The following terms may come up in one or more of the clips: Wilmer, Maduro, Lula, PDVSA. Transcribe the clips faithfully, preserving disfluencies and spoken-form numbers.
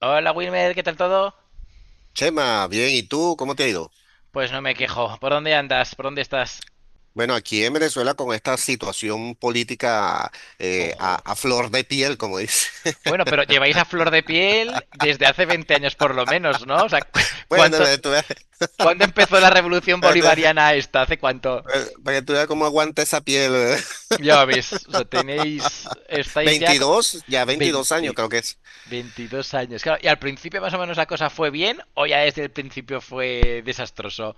Hola Wilmer, ¿qué tal todo? Chema, bien, ¿y tú cómo te ha ido? Pues no me quejo. ¿Por dónde andas? ¿Por dónde estás? Bueno, aquí en Venezuela con esta situación política eh, a, Ojo. a flor de piel, como dice. Bueno, pero lleváis a flor de piel desde hace veinte años por lo menos, ¿no? O sea, cu- Bueno, para que ¿cuántos, tú veas, ¿cuándo empezó la revolución para que tú bolivariana esta? ¿Hace cuánto? veas- para que tú veas cómo aguanta esa piel. ¿Verdad? Ya veis, o sea, tenéis, estáis ya co- veintidós, ya veintidós años veinte, creo que es. veintidós años. Claro, ¿y al principio más o menos la cosa fue bien o ya desde el principio fue desastroso?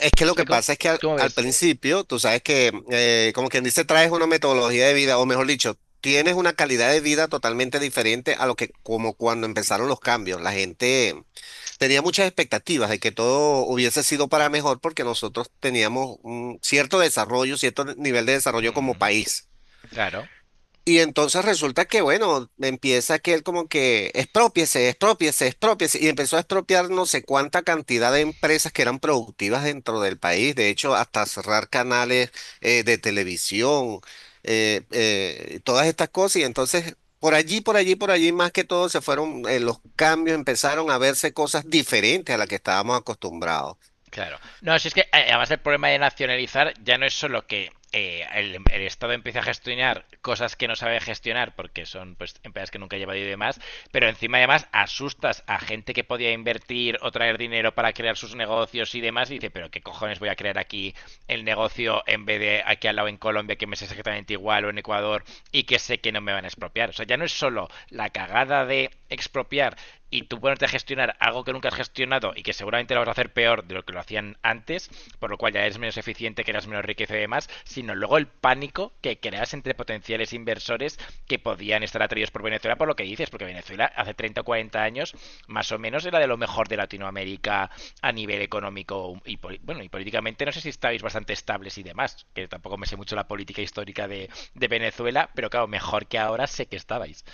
Es que O lo que sea, ¿cómo, pasa es que al, cómo al ves? principio, tú sabes que, eh, como quien dice, traes una metodología de vida, o mejor dicho, tienes una calidad de vida totalmente diferente a lo que como cuando empezaron los cambios. La gente tenía muchas expectativas de que todo hubiese sido para mejor porque nosotros teníamos un cierto desarrollo, cierto nivel de desarrollo como Mm, país. claro. Y entonces resulta que, bueno, empieza que él como que expropiese, expropiese, expropiese, y empezó a expropiar no sé cuánta cantidad de empresas que eran productivas dentro del país. De hecho, hasta cerrar canales eh, de televisión, eh, eh, todas estas cosas, y entonces por allí, por allí, por allí, más que todo se fueron eh, los cambios, empezaron a verse cosas diferentes a las que estábamos acostumbrados. Claro. No, si es que eh, además el problema de nacionalizar ya no es solo que eh, el, el Estado empiece a gestionar cosas que no sabe gestionar porque son pues empresas que nunca ha llevado y demás, pero encima además asustas a gente que podía invertir o traer dinero para crear sus negocios y demás y dice, pero qué cojones voy a crear aquí el negocio en vez de aquí al lado en Colombia que me es exactamente igual o en Ecuador y que sé que no me van a expropiar. O sea, ya no es solo la cagada de expropiar y tú ponerte a gestionar algo que nunca has gestionado y que seguramente lo vas a hacer peor de lo que lo hacían antes, por lo cual ya eres menos eficiente, que eras menos riqueza y demás, sino luego el pánico que creas entre potenciales inversores que podían estar atraídos por Venezuela por lo que dices, porque Venezuela hace treinta o cuarenta años más o menos era de lo mejor de Latinoamérica a nivel económico y, bueno, y políticamente no sé si estáis bastante estables y demás, que tampoco me sé mucho la política histórica de, de Venezuela, pero claro, mejor que ahora sé que estabais.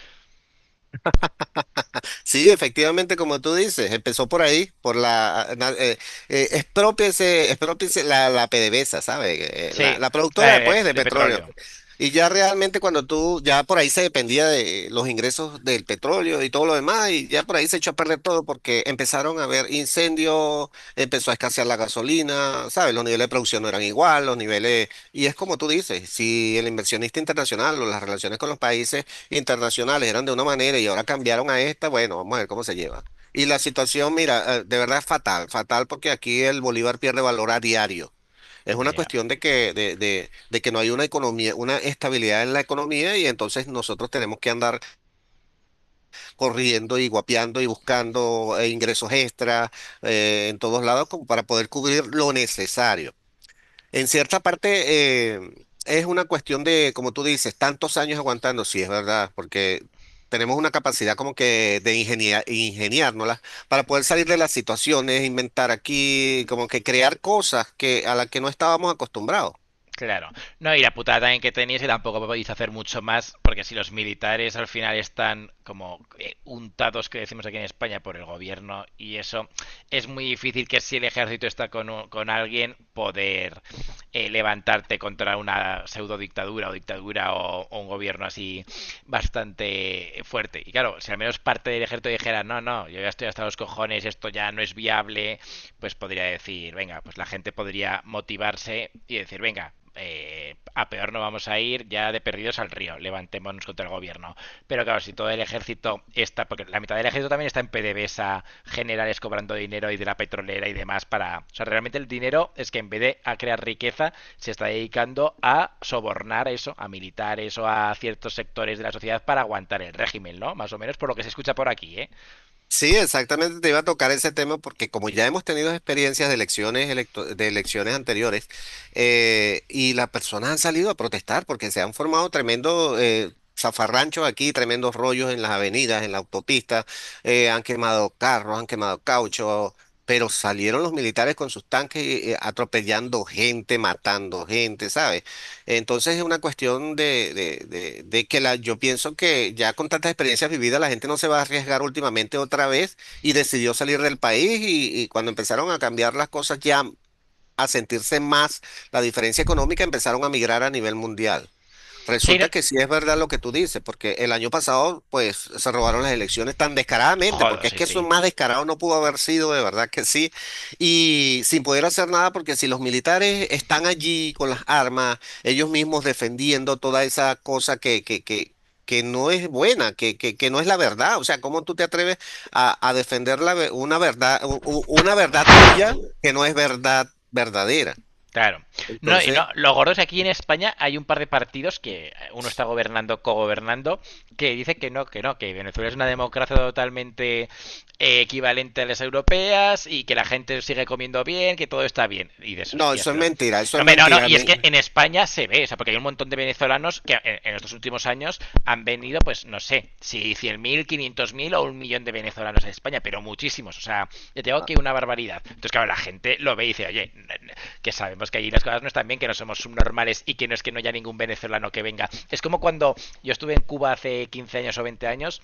Sí, efectivamente, como tú dices, empezó por ahí, por la, ah, na- eh, eh, exprópiese, exprópiese la, la PDVSA, ¿sabes? Eh, eh, La, Sí, la de, productora, de, pues, de de petróleo. petróleo. Y ya realmente cuando tú, ya por ahí se dependía de los ingresos del petróleo y todo lo demás, y ya por ahí se echó a perder todo porque empezaron a haber incendios, empezó a escasear la gasolina, ¿sabes? Los niveles de producción no eran igual, los niveles, y es como tú dices, si el inversionista internacional o las relaciones con los países internacionales eran de una manera y ahora cambiaron a esta, bueno, vamos a ver cómo se lleva. Y la situación, mira, eh, de verdad es fatal, fatal, porque aquí el bolívar pierde valor a diario. Es Ya. una Yeah. cuestión de que, de, de, de que no hay una economía, una estabilidad en la economía, y entonces nosotros tenemos que andar corriendo y guapeando y buscando eh, ingresos extra eh, en todos lados como para poder cubrir lo necesario. En cierta parte eh, es una cuestión de, como tú dices, tantos años aguantando, sí, es verdad, porque tenemos una capacidad como que de ingenia- ingeniárnoslas para poder salir de las situaciones, inventar aquí, como que crear cosas que, a las que no estábamos acostumbrados. Claro. No, y la putada también que tenéis es que tampoco podéis hacer mucho más, porque si los militares al final están como eh, untados, que decimos aquí en España, por el gobierno y eso, es muy difícil que si el ejército está con, un- con alguien, poder eh, levantarte contra una pseudo dictadura o dictadura o, o un gobierno así bastante fuerte. Y claro, si al menos parte del ejército dijera, no, no, yo ya estoy hasta los cojones, esto ya no es viable, pues podría decir, venga, pues la gente podría motivarse y decir, venga, eh, a peor no vamos a ir, ya de perdidos al río, levantémonos contra el gobierno. Pero claro, si todo el ejército está, porque la mitad del ejército también está en PDVSA, generales cobrando dinero y de la petrolera y demás para... O sea, realmente el dinero es que en vez de a crear riqueza, se está dedicando a sobornar eso, a militares o a ciertos sectores de la sociedad para aguantar el régimen, ¿no? Más o menos por lo que se escucha por aquí, ¿eh? Sí, exactamente te iba a tocar ese tema porque como ya hemos tenido experiencias de elecciones, electo- de elecciones anteriores, eh, y las personas han salido a protestar porque se han formado tremendos eh, zafarranchos aquí, tremendos rollos en las avenidas, en la autopista, eh, han quemado carros, han quemado caucho, pero salieron los militares con sus tanques eh, atropellando gente, matando gente, ¿sabes? Entonces es una cuestión de, de- de- de que la, yo pienso que ya con tantas experiencias vividas la gente no se va a arriesgar últimamente otra vez y decidió salir del país, y, y cuando empezaron a cambiar las cosas ya a sentirse más la diferencia económica, empezaron a migrar a nivel mundial. Sí, Resulta que sí es verdad lo que tú dices, porque el año pasado, pues, se robaron las elecciones tan descaradamente, jodo, porque es sí, que eso sí. más descarado no pudo haber sido, de verdad que sí, y sin poder hacer nada, porque si los militares están allí con las armas, ellos mismos defendiendo toda esa cosa que, que, que, que no es buena, que, que, que no es la verdad. O sea, ¿cómo tú te atreves a, a defender la ve- una verdad, u- u- una verdad tuya que no es verdad verdadera? Claro. No, y Entonces, no, lo gordo es que aquí en España hay un par de partidos que uno está gobernando, cogobernando, que dice que no, que no, que Venezuela es una democracia totalmente eh, equivalente a las europeas y que la gente sigue comiendo bien, que todo está bien. Y de esos no, tías, eso es pero. mentira, eso No, es me, no, no, mentira. y es que me- en España se ve, o sea, porque hay un montón de venezolanos mexicanos que en, en estos últimos años han venido, pues no sé, si cien mil quinientos mil o un millón de venezolanos a España, pero muchísimos. O sea, yo tengo que una barbaridad. Entonces, claro, la gente lo ve y dice, oye, que sabemos que allí las cosas no están bien, que no somos subnormales y que no es que no haya ningún venezolano que venga. Es como cuando yo estuve en Cuba hace quince años o veinte años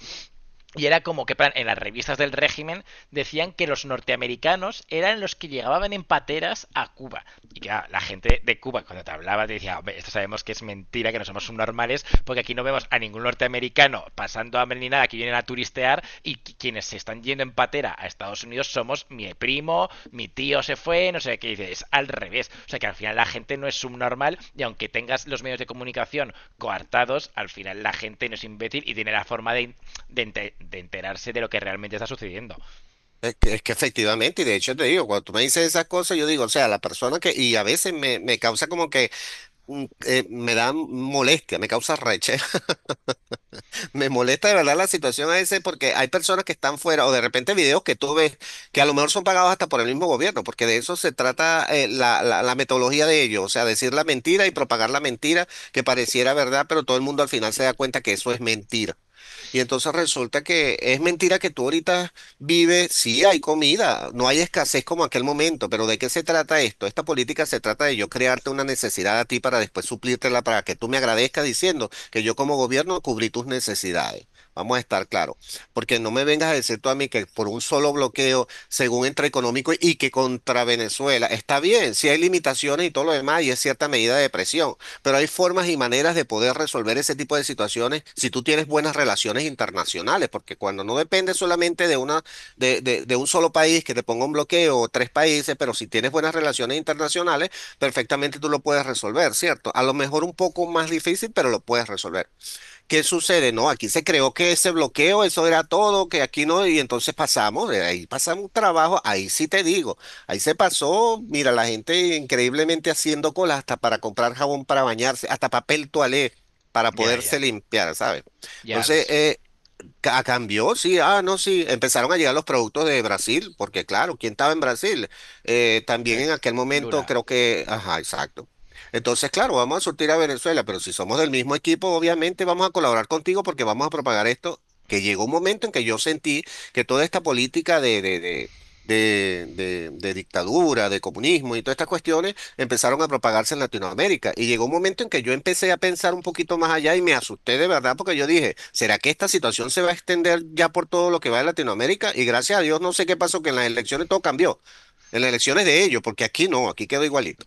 y era como que en las revistas del régimen decían que los norteamericanos eran los que llegaban en pateras a Cuba. Y claro, la gente de Cuba cuando te hablaba te decía, hombre, esto sabemos que es mentira, que no somos subnormales, porque aquí no vemos a ningún norteamericano pasando hambre ni nada, que vienen a turistear y quienes se están yendo en patera a Estados Unidos somos mi primo, mi tío se fue, no sé qué dices, es al revés. O sea que al final la gente no es subnormal y aunque tengas los medios de comunicación coartados, al final la gente no es imbécil y tiene la forma de, de, ente- de enterarse de lo que realmente está sucediendo. es que, es que efectivamente, y de hecho te digo, cuando tú me dices esas cosas, yo digo, o sea, la persona que, y a veces me, me causa como que mm, eh, me da molestia, me causa rechazo, me molesta de verdad la situación a veces porque hay personas que están fuera, o de repente videos que tú ves que a lo mejor son pagados hasta por el mismo gobierno, porque de eso se trata eh, la, la, la metodología de ellos. O sea, decir la mentira y propagar la mentira que pareciera verdad, pero todo el mundo al final se da cuenta que eso es mentira. Y entonces resulta que es mentira que tú ahorita vives, sí hay comida, no hay escasez como aquel momento, pero ¿de qué se trata esto? Esta política se trata de yo crearte una necesidad a ti para después suplírtela para que tú me agradezcas diciendo que yo como gobierno cubrí tus necesidades. Vamos a estar claros, porque no me vengas a decir tú a mí que por un solo bloqueo, según entre económico y que contra Venezuela, está bien, si hay limitaciones y todo lo demás, y es cierta medida de presión, pero hay formas y maneras de poder resolver ese tipo de situaciones si tú tienes buenas relaciones internacionales, porque cuando no depende solamente de una, de, de- de un solo país que te ponga un bloqueo, o tres países, pero si tienes buenas relaciones internacionales, perfectamente tú lo puedes resolver, ¿cierto? A lo mejor un poco más difícil, pero lo puedes resolver. ¿Qué sucede? No, aquí se creó que ese bloqueo, eso era todo, que aquí no, y entonces pasamos, eh, ahí pasamos un trabajo, ahí sí te digo, ahí se pasó, mira, la gente increíblemente haciendo cola hasta para comprar jabón para bañarse, hasta papel toalé para Ya, poderse ya, limpiar, ¿sabes? ya Entonces, ves. eh, Ca- cambió, sí, ah, no, sí, empezaron a llegar los productos de Brasil, porque claro, ¿quién estaba en Brasil? Eh, también El- en aquel momento Lula. creo que, ajá, exacto. Entonces, claro, vamos a surtir a Venezuela, pero si somos del mismo equipo, obviamente vamos a colaborar contigo porque vamos a propagar esto, que llegó un momento en que yo sentí que toda esta política de, de, de, de, de, de dictadura, de comunismo y todas estas cuestiones empezaron a propagarse en Latinoamérica. Y llegó un momento en que yo empecé a pensar un poquito más allá y me asusté de verdad porque yo dije, ¿será que esta situación se va a extender ya por todo lo que va de Latinoamérica? Y gracias a Dios no sé qué pasó, que en las elecciones todo cambió. En las elecciones de ellos, porque aquí no, aquí quedó igualito.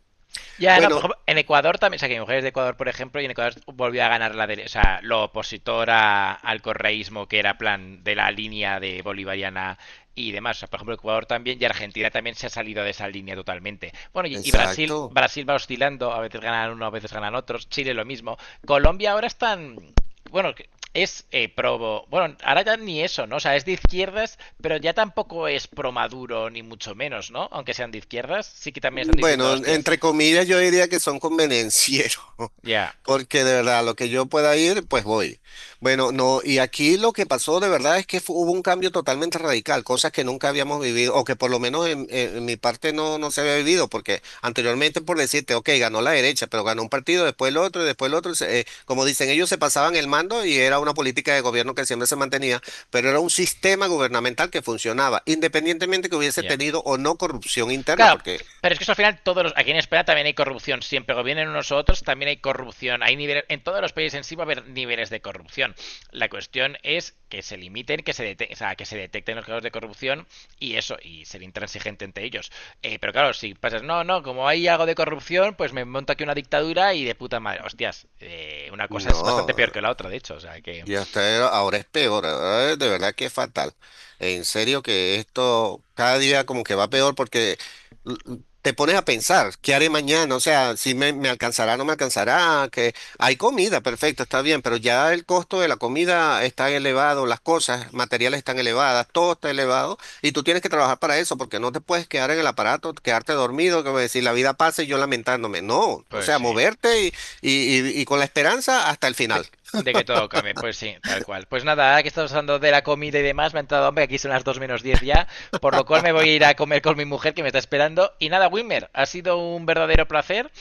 Ya, no, por Bueno, ejemplo, en Ecuador también, o sea, que mi mujer es de Ecuador, por ejemplo, y en Ecuador volvió a ganar la de, o sea, lo opositor a- al correísmo, que era plan de la línea de bolivariana y demás. O sea, por ejemplo, Ecuador también y Argentina también se ha salido de esa línea totalmente. Bueno, y, y Brasil, exacto. Brasil va oscilando, a veces ganan uno, a veces ganan otros, Chile lo mismo. Colombia ahora están, bueno, que- es eh, pro, bueno, ahora ya ni eso, ¿no? O sea, es de izquierdas, pero ya tampoco es pro Maduro, ni mucho menos, ¿no? Aunque sean de izquierdas, sí que también están diciendo, Bueno, hostias, entre comillas yo diría que son convenencieros, ya, porque de verdad lo que yo pueda ir, pues voy. Bueno, no, y aquí lo que pasó de verdad es que fu- hubo un cambio totalmente radical, cosas que nunca habíamos vivido, o que por lo menos en, en- en mi parte no, no se había vivido, porque anteriormente por decirte, ok, ganó la derecha, pero ganó un partido, después el otro, y después el otro, se- eh, como dicen, ellos se pasaban el mando y era una política de gobierno que siempre se mantenía, pero era un sistema gubernamental que funcionaba, independientemente que hubiese ya. tenido o no corrupción interna, Claro, porque… pero es que eso al final todos los, aquí en España también hay corrupción. Siempre gobiernen unos u otros, también hay corrupción. Hay niveles, en todos los países en sí va a haber niveles de corrupción. La cuestión es que se limiten, que se, dete- o sea, que se detecten los casos de corrupción y eso, y ser intransigente entre ellos. Eh, pero claro, si pasas, no, no, como hay algo de corrupción, pues me monto aquí una dictadura y de puta madre. Hostias, eh, una cosa es bastante peor No, que la otra, de hecho. O sea que, y hasta era- ahora es peor, ahora es de verdad que es fatal. En serio que esto cada día como que va peor porque l- l- te pones a pensar, ¿qué haré mañana? O sea, si me, me alcanzará, no me alcanzará, que hay comida, perfecto, está bien, pero ya el costo de la comida está elevado, las cosas materiales están elevadas, todo está elevado, y tú tienes que trabajar para eso porque no te puedes quedar en el aparato, quedarte dormido, que decir, la vida pasa y yo lamentándome. No, o pues sea, sí. moverte y, y y- y con la esperanza hasta el De, final. de que todo cambie, pues sí, tal cual. Pues nada, ahora que estamos hablando de la comida y demás, me ha entrado hambre, aquí son las dos menos diez ya, por lo cual me voy a ir a comer con mi mujer que me está esperando. Y nada, Wimmer, ha sido un verdadero placer.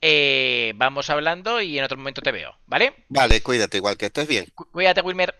Eh, vamos hablando y en otro momento te veo, ¿vale? Vale, cuídate, igual que estés bien. Cuídate, Wilmer.